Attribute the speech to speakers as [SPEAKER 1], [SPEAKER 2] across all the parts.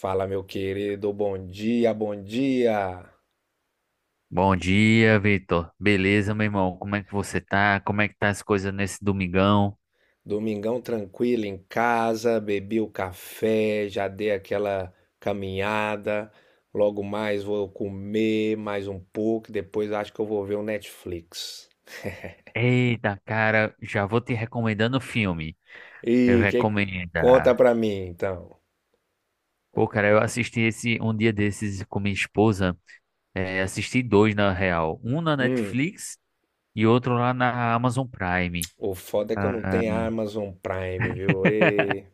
[SPEAKER 1] Fala, meu querido, bom dia, bom dia.
[SPEAKER 2] Bom dia, Vitor. Beleza, meu irmão? Como é que você tá? Como é que tá as coisas nesse domingão?
[SPEAKER 1] Domingão tranquilo em casa, bebi o café, já dei aquela caminhada. Logo mais vou comer mais um pouco, e depois acho que eu vou ver o Netflix.
[SPEAKER 2] Eita, cara, já vou te recomendando o filme.
[SPEAKER 1] E
[SPEAKER 2] Eu
[SPEAKER 1] que
[SPEAKER 2] recomendo.
[SPEAKER 1] conta pra mim, então?
[SPEAKER 2] Pô, cara, eu assisti esse um dia desses com minha esposa. É, assisti dois, na real. Um na
[SPEAKER 1] Hum,
[SPEAKER 2] Netflix e outro lá na Amazon Prime.
[SPEAKER 1] o foda é que eu não
[SPEAKER 2] Ah.
[SPEAKER 1] tenho Amazon Prime, viu? E...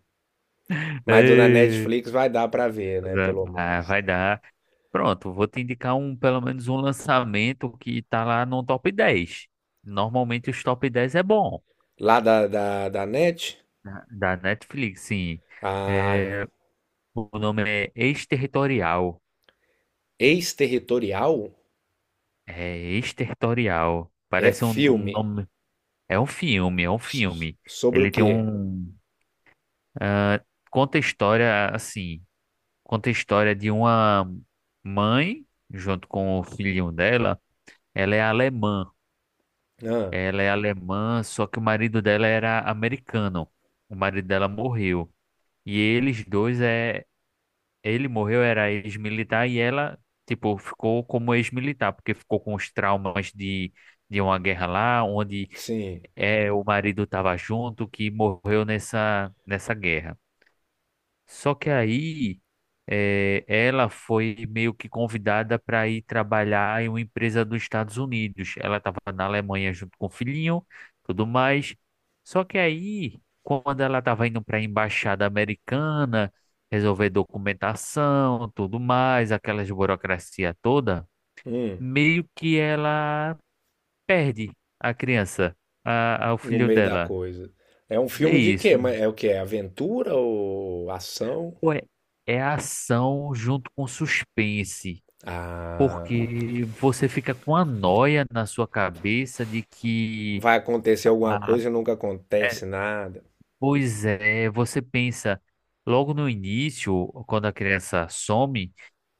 [SPEAKER 1] mas do da
[SPEAKER 2] Ei.
[SPEAKER 1] Netflix vai dar pra ver, né? Pelo
[SPEAKER 2] Ah,
[SPEAKER 1] menos.
[SPEAKER 2] vai dar. Pronto, vou te indicar um, pelo menos um lançamento que tá lá no top 10. Normalmente os top 10 é bom.
[SPEAKER 1] Lá da Net?
[SPEAKER 2] Da Netflix, sim. É,
[SPEAKER 1] Ah,
[SPEAKER 2] o nome é Exterritorial.
[SPEAKER 1] Exterritorial
[SPEAKER 2] É Exterritorial.
[SPEAKER 1] é
[SPEAKER 2] Parece um,
[SPEAKER 1] filme.
[SPEAKER 2] nome. É um filme, é um filme.
[SPEAKER 1] Sobre o
[SPEAKER 2] Ele tem
[SPEAKER 1] quê?
[SPEAKER 2] um. ah, conta a história, assim. Conta a história de uma mãe, junto com o filhinho dela. Ela é alemã.
[SPEAKER 1] Ah,
[SPEAKER 2] Ela é alemã, só que o marido dela era americano. O marido dela morreu. E eles dois é, ele morreu, era ex-militar, e ela, tipo, ficou como ex-militar, porque ficou com os traumas de, uma guerra lá, onde
[SPEAKER 1] sim.
[SPEAKER 2] é, o marido estava junto, que morreu nessa guerra. Só que aí ela foi meio que convidada para ir trabalhar em uma empresa dos Estados Unidos. Ela estava na Alemanha junto com o filhinho, tudo mais. Só que aí, quando ela estava indo para a embaixada americana, resolver documentação, tudo mais, aquelas burocracia toda,
[SPEAKER 1] Hum,
[SPEAKER 2] meio que ela perde a criança, o
[SPEAKER 1] no
[SPEAKER 2] filho
[SPEAKER 1] meio da
[SPEAKER 2] dela.
[SPEAKER 1] coisa. É um
[SPEAKER 2] É
[SPEAKER 1] filme de
[SPEAKER 2] isso.
[SPEAKER 1] quê? Mas é o quê? É aventura ou ação?
[SPEAKER 2] Pô, é ação junto com suspense.
[SPEAKER 1] Ah,
[SPEAKER 2] Porque você fica com a noia na sua cabeça de que,
[SPEAKER 1] vai acontecer alguma
[SPEAKER 2] ah,
[SPEAKER 1] coisa e nunca
[SPEAKER 2] é,
[SPEAKER 1] acontece nada.
[SPEAKER 2] pois é, você pensa logo no início, quando a criança some.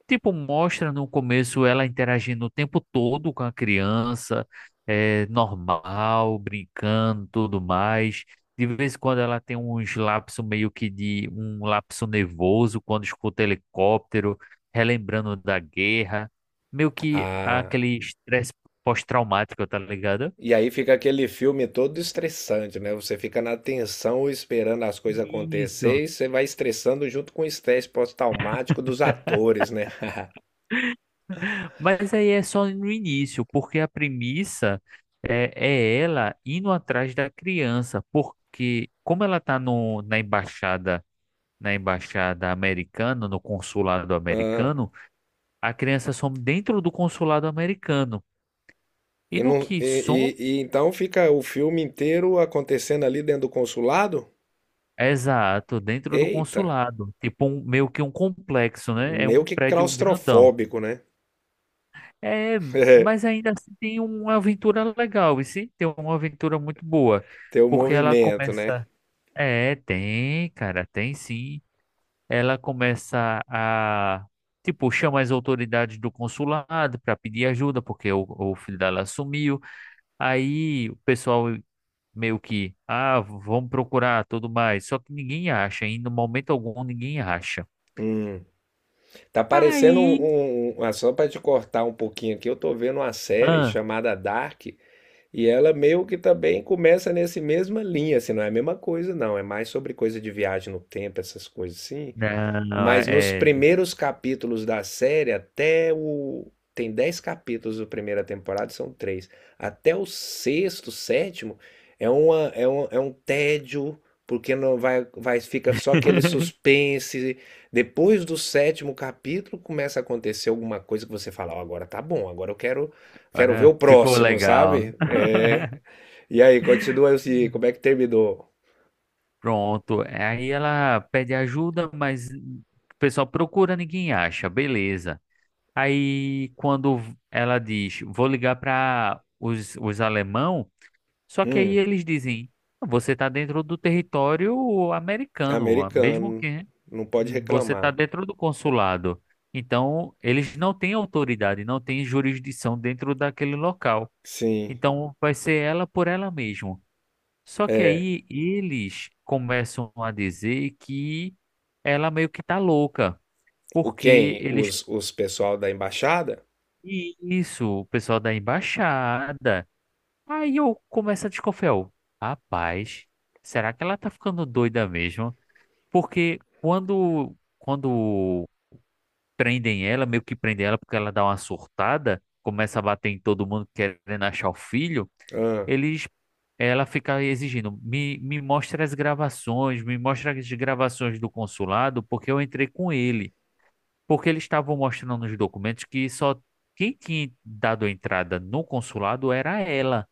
[SPEAKER 2] Tipo, mostra no começo ela interagindo o tempo todo com a criança, é, normal, brincando, tudo mais. De vez em quando ela tem uns lapsos meio que de um lapso nervoso quando escuta helicóptero, relembrando da guerra, meio que
[SPEAKER 1] Ah,
[SPEAKER 2] aquele estresse pós-traumático, tá ligado?
[SPEAKER 1] e aí fica aquele filme todo estressante, né? Você fica na tensão esperando as coisas
[SPEAKER 2] Isso.
[SPEAKER 1] acontecer e você vai estressando junto com o estresse pós-traumático dos atores, né?
[SPEAKER 2] Mas aí é só no início, porque a premissa é ela indo atrás da criança, porque como ela está no, na embaixada americana, no consulado
[SPEAKER 1] Ah.
[SPEAKER 2] americano, a criança some dentro do consulado americano. E
[SPEAKER 1] E,
[SPEAKER 2] no
[SPEAKER 1] não,
[SPEAKER 2] que some,
[SPEAKER 1] e então fica o filme inteiro acontecendo ali dentro do consulado?
[SPEAKER 2] exato, dentro do
[SPEAKER 1] Eita,
[SPEAKER 2] consulado, tipo um, meio que um complexo, né? É
[SPEAKER 1] meio
[SPEAKER 2] um
[SPEAKER 1] que
[SPEAKER 2] prédio grandão.
[SPEAKER 1] claustrofóbico, né?
[SPEAKER 2] É, mas ainda assim tem uma aventura legal, e sim, tem uma aventura muito boa,
[SPEAKER 1] Ter o
[SPEAKER 2] porque ela
[SPEAKER 1] movimento, né?
[SPEAKER 2] começa. É, tem, cara, tem sim. Ela começa a, tipo, chama as autoridades do consulado para pedir ajuda, porque o filho dela sumiu. Aí o pessoal meio que, vamos procurar tudo mais. Só que ninguém acha, e no momento algum ninguém acha.
[SPEAKER 1] Hum. Tá parecendo um,
[SPEAKER 2] Aí,
[SPEAKER 1] um- um, ah, Só para te cortar um pouquinho aqui, eu tô vendo uma série
[SPEAKER 2] ah,
[SPEAKER 1] chamada Dark e ela meio que também começa nesse mesma linha, assim, não é a mesma coisa, não. É mais sobre coisa de viagem no tempo, essas coisas assim.
[SPEAKER 2] não,
[SPEAKER 1] Mas nos
[SPEAKER 2] é.
[SPEAKER 1] primeiros capítulos da série, até o. Tem 10 capítulos da primeira temporada, são três. Até o sexto, sétimo, é um tédio, porque não fica só aquele suspense. Depois do sétimo capítulo, começa a acontecer alguma coisa que você fala, ó, agora tá bom, agora quero ver
[SPEAKER 2] Agora
[SPEAKER 1] o
[SPEAKER 2] ficou
[SPEAKER 1] próximo,
[SPEAKER 2] legal.
[SPEAKER 1] sabe? É. E aí, continua assim, como é que terminou?
[SPEAKER 2] Pronto. Aí ela pede ajuda, mas o pessoal procura, ninguém acha. Beleza. Aí quando ela diz, vou ligar para os alemão, só que aí
[SPEAKER 1] Hum,
[SPEAKER 2] eles dizem, você está dentro do território americano, mesmo
[SPEAKER 1] americano,
[SPEAKER 2] que né,
[SPEAKER 1] não pode
[SPEAKER 2] você está
[SPEAKER 1] reclamar.
[SPEAKER 2] dentro do consulado. Então, eles não têm autoridade, não têm jurisdição dentro daquele local.
[SPEAKER 1] Sim.
[SPEAKER 2] Então, vai ser ela por ela mesma. Só que
[SPEAKER 1] É,
[SPEAKER 2] aí eles começam a dizer que ela meio que tá louca,
[SPEAKER 1] o
[SPEAKER 2] porque
[SPEAKER 1] quem?
[SPEAKER 2] eles.
[SPEAKER 1] Os pessoal da embaixada?
[SPEAKER 2] Isso, o pessoal da embaixada. Aí eu começo a desconfiar. Rapaz, será que ela tá ficando doida mesmo? Porque quando prendem ela, meio que prendem ela porque ela dá uma surtada, começa a bater em todo mundo querendo achar o filho.
[SPEAKER 1] Ah,
[SPEAKER 2] Eles, ela fica exigindo, me mostra as gravações, me mostra as gravações do consulado, porque eu entrei com ele. Porque eles estavam mostrando nos documentos que só quem tinha dado entrada no consulado era ela.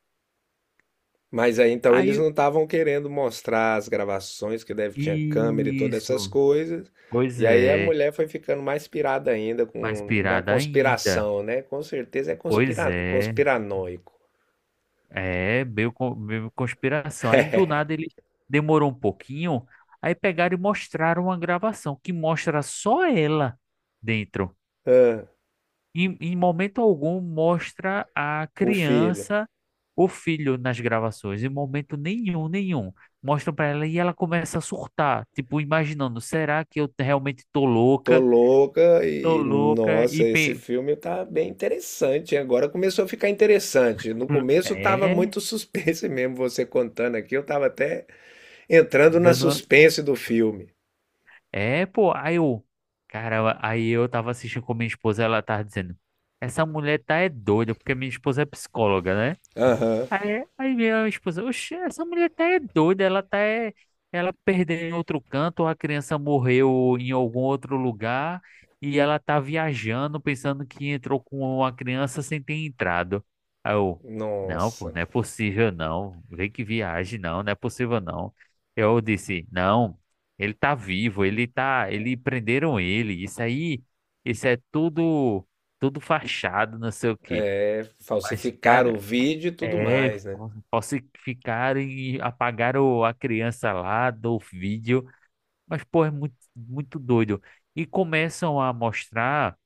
[SPEAKER 1] mas aí então eles
[SPEAKER 2] Aí,
[SPEAKER 1] não estavam querendo mostrar as gravações, que deve tinha câmera e todas essas
[SPEAKER 2] isso,
[SPEAKER 1] coisas.
[SPEAKER 2] pois
[SPEAKER 1] E aí a
[SPEAKER 2] é,
[SPEAKER 1] mulher foi ficando mais pirada ainda
[SPEAKER 2] mais
[SPEAKER 1] com, na
[SPEAKER 2] pirada ainda.
[SPEAKER 1] conspiração, né? Com certeza é
[SPEAKER 2] Pois
[SPEAKER 1] conspira,
[SPEAKER 2] é,
[SPEAKER 1] conspiranoico.
[SPEAKER 2] é, meio, meio conspiração. Aí do nada ele demorou um pouquinho, aí pegaram e mostraram uma gravação que mostra só ela dentro.
[SPEAKER 1] Ah,
[SPEAKER 2] Em momento algum mostra a
[SPEAKER 1] o filho.
[SPEAKER 2] criança, o filho nas gravações, em momento nenhum, nenhum. Mostram pra ela e ela começa a surtar, tipo, imaginando, será que eu realmente tô
[SPEAKER 1] Tô
[SPEAKER 2] louca?
[SPEAKER 1] louca
[SPEAKER 2] Tô
[SPEAKER 1] e
[SPEAKER 2] louca
[SPEAKER 1] nossa,
[SPEAKER 2] e
[SPEAKER 1] esse filme tá bem interessante. Agora começou a ficar interessante. No começo tava
[SPEAKER 2] é,
[SPEAKER 1] muito suspense mesmo você contando aqui, eu tava até entrando na
[SPEAKER 2] dando
[SPEAKER 1] suspense do filme.
[SPEAKER 2] é, pô, aí eu, cara, aí eu tava assistindo com minha esposa, ela tava dizendo, essa mulher tá é doida, porque minha esposa é psicóloga, né?
[SPEAKER 1] Aham.
[SPEAKER 2] Aí veio a esposa, oxe, essa mulher tá é doida, ela tá é, ela perdeu em outro canto, ou a criança morreu em algum outro lugar e ela tá viajando pensando que entrou com uma criança sem ter entrado. Aí eu, não, pô,
[SPEAKER 1] Nossa,
[SPEAKER 2] não é possível não, vê que viagem, não, não é possível não. Eu disse, não, ele tá vivo, ele tá, ele prenderam ele, isso aí, isso é tudo, tudo fachado, não sei o quê.
[SPEAKER 1] é
[SPEAKER 2] Mas,
[SPEAKER 1] falsificar o
[SPEAKER 2] cara,
[SPEAKER 1] vídeo e tudo
[SPEAKER 2] é,
[SPEAKER 1] mais, né?
[SPEAKER 2] falsificaram e apagaram a criança lá do vídeo, mas pô, é muito, muito doido. E começam a mostrar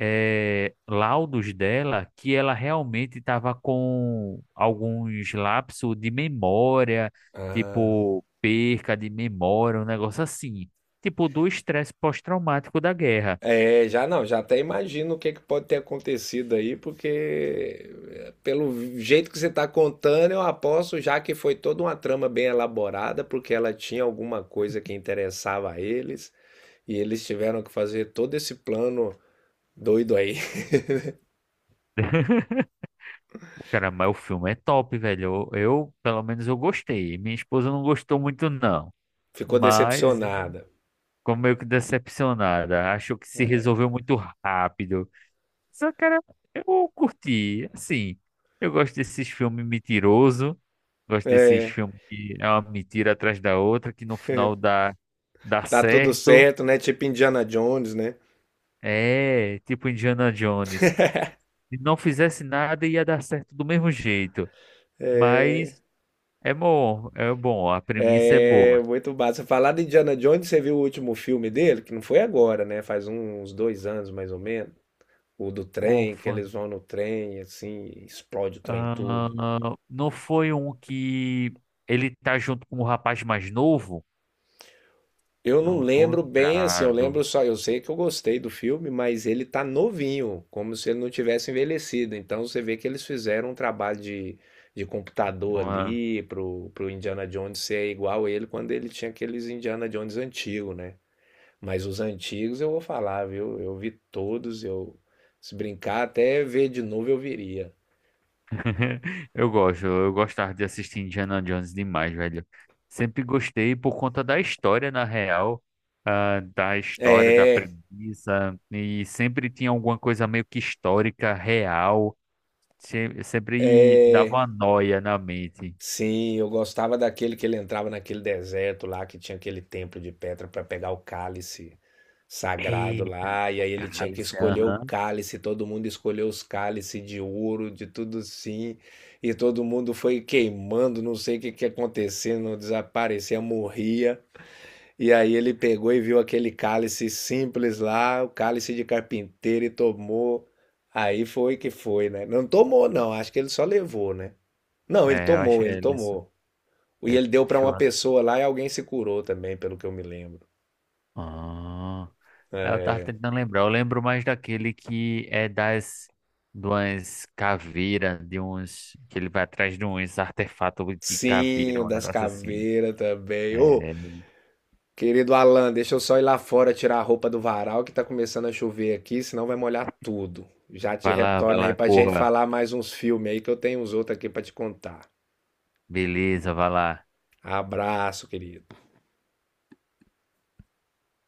[SPEAKER 2] laudos dela que ela realmente estava com alguns lapsos de memória,
[SPEAKER 1] Ah,
[SPEAKER 2] tipo perca de memória, um negócio assim, tipo do estresse pós-traumático da guerra.
[SPEAKER 1] é, já não, já até imagino o que que pode ter acontecido aí, porque é, pelo jeito que você está contando, eu aposto já que foi toda uma trama bem elaborada, porque ela tinha alguma coisa que interessava a eles, e eles tiveram que fazer todo esse plano doido aí.
[SPEAKER 2] Cara, mas o filme é top, velho. Eu, pelo menos eu gostei. Minha esposa não gostou muito, não.
[SPEAKER 1] Ficou
[SPEAKER 2] Mas
[SPEAKER 1] decepcionada.
[SPEAKER 2] ficou meio que decepcionada. Achou que se resolveu muito rápido. Só, cara, eu curti. Assim, eu gosto desses filmes mentiroso. Gosto desses
[SPEAKER 1] É,
[SPEAKER 2] filmes que é uma mentira atrás da outra, que no final dá,
[SPEAKER 1] tá tudo
[SPEAKER 2] certo.
[SPEAKER 1] certo, né? Tipo Indiana Jones, né?
[SPEAKER 2] É, tipo Indiana Jones. Se não fizesse nada, ia dar certo do mesmo jeito. Mas é bom, é bom. A premissa é
[SPEAKER 1] É
[SPEAKER 2] boa.
[SPEAKER 1] muito massa. Falar de Indiana Jones, você viu o último filme dele? Que não foi agora, né? Faz uns 2 anos mais ou menos. O do trem, que
[SPEAKER 2] Ufa.
[SPEAKER 1] eles vão no trem, assim, explode o trem
[SPEAKER 2] Ah,
[SPEAKER 1] tudo.
[SPEAKER 2] não foi um que ele tá junto com o rapaz mais novo?
[SPEAKER 1] Eu não
[SPEAKER 2] Não tô
[SPEAKER 1] lembro bem, assim, eu lembro
[SPEAKER 2] lembrado.
[SPEAKER 1] só, eu sei que eu gostei do filme, mas ele tá novinho, como se ele não tivesse envelhecido. Então você vê que eles fizeram um trabalho de computador
[SPEAKER 2] Uma-
[SPEAKER 1] ali pro Indiana Jones ser igual ele quando ele tinha aqueles Indiana Jones antigos, né? Mas os antigos eu vou falar, viu? Eu vi todos, eu se brincar até ver de novo eu viria.
[SPEAKER 2] Eu gosto, eu gostava de assistir Indiana Jones demais, velho. Sempre gostei por conta da história, na real, da história, da
[SPEAKER 1] É,
[SPEAKER 2] premissa, e sempre tinha alguma coisa meio que histórica, real, sempre dava
[SPEAKER 1] é,
[SPEAKER 2] uma noia na mente.
[SPEAKER 1] sim, eu gostava daquele que ele entrava naquele deserto lá que tinha aquele templo de pedra para pegar o cálice sagrado
[SPEAKER 2] Eita,
[SPEAKER 1] lá, e
[SPEAKER 2] o
[SPEAKER 1] aí ele tinha que
[SPEAKER 2] cálice,
[SPEAKER 1] escolher o
[SPEAKER 2] aham.
[SPEAKER 1] cálice, todo mundo escolheu os cálices de ouro, de tudo sim, e todo mundo foi queimando, não sei o que que acontecia, não desaparecia, morria. E aí ele pegou e viu aquele cálice simples lá, o cálice de carpinteiro, e tomou. Aí foi que foi, né? Não tomou, não. Acho que ele só levou, né? Não, ele
[SPEAKER 2] É, eu acho
[SPEAKER 1] tomou,
[SPEAKER 2] que
[SPEAKER 1] ele
[SPEAKER 2] é isso.
[SPEAKER 1] tomou. E
[SPEAKER 2] É,
[SPEAKER 1] ele deu pra
[SPEAKER 2] show.
[SPEAKER 1] uma pessoa lá e alguém se curou também, pelo que eu me lembro.
[SPEAKER 2] Ah, eu tava tentando lembrar. Eu lembro mais daquele que é das de umas caveiras, de uns que ele vai atrás de uns artefatos de
[SPEAKER 1] Sim,
[SPEAKER 2] caveira,
[SPEAKER 1] o
[SPEAKER 2] um
[SPEAKER 1] das
[SPEAKER 2] negócio assim.
[SPEAKER 1] caveiras também. Ô,
[SPEAKER 2] É,
[SPEAKER 1] querido Alan, deixa eu só ir lá fora tirar a roupa do varal que tá começando a chover aqui, senão vai molhar tudo. Já te
[SPEAKER 2] vai
[SPEAKER 1] retorno aí
[SPEAKER 2] lá,
[SPEAKER 1] pra gente
[SPEAKER 2] corra.
[SPEAKER 1] falar mais uns filmes aí que eu tenho uns outros aqui pra te contar.
[SPEAKER 2] Beleza, vai lá.
[SPEAKER 1] Abraço, querido.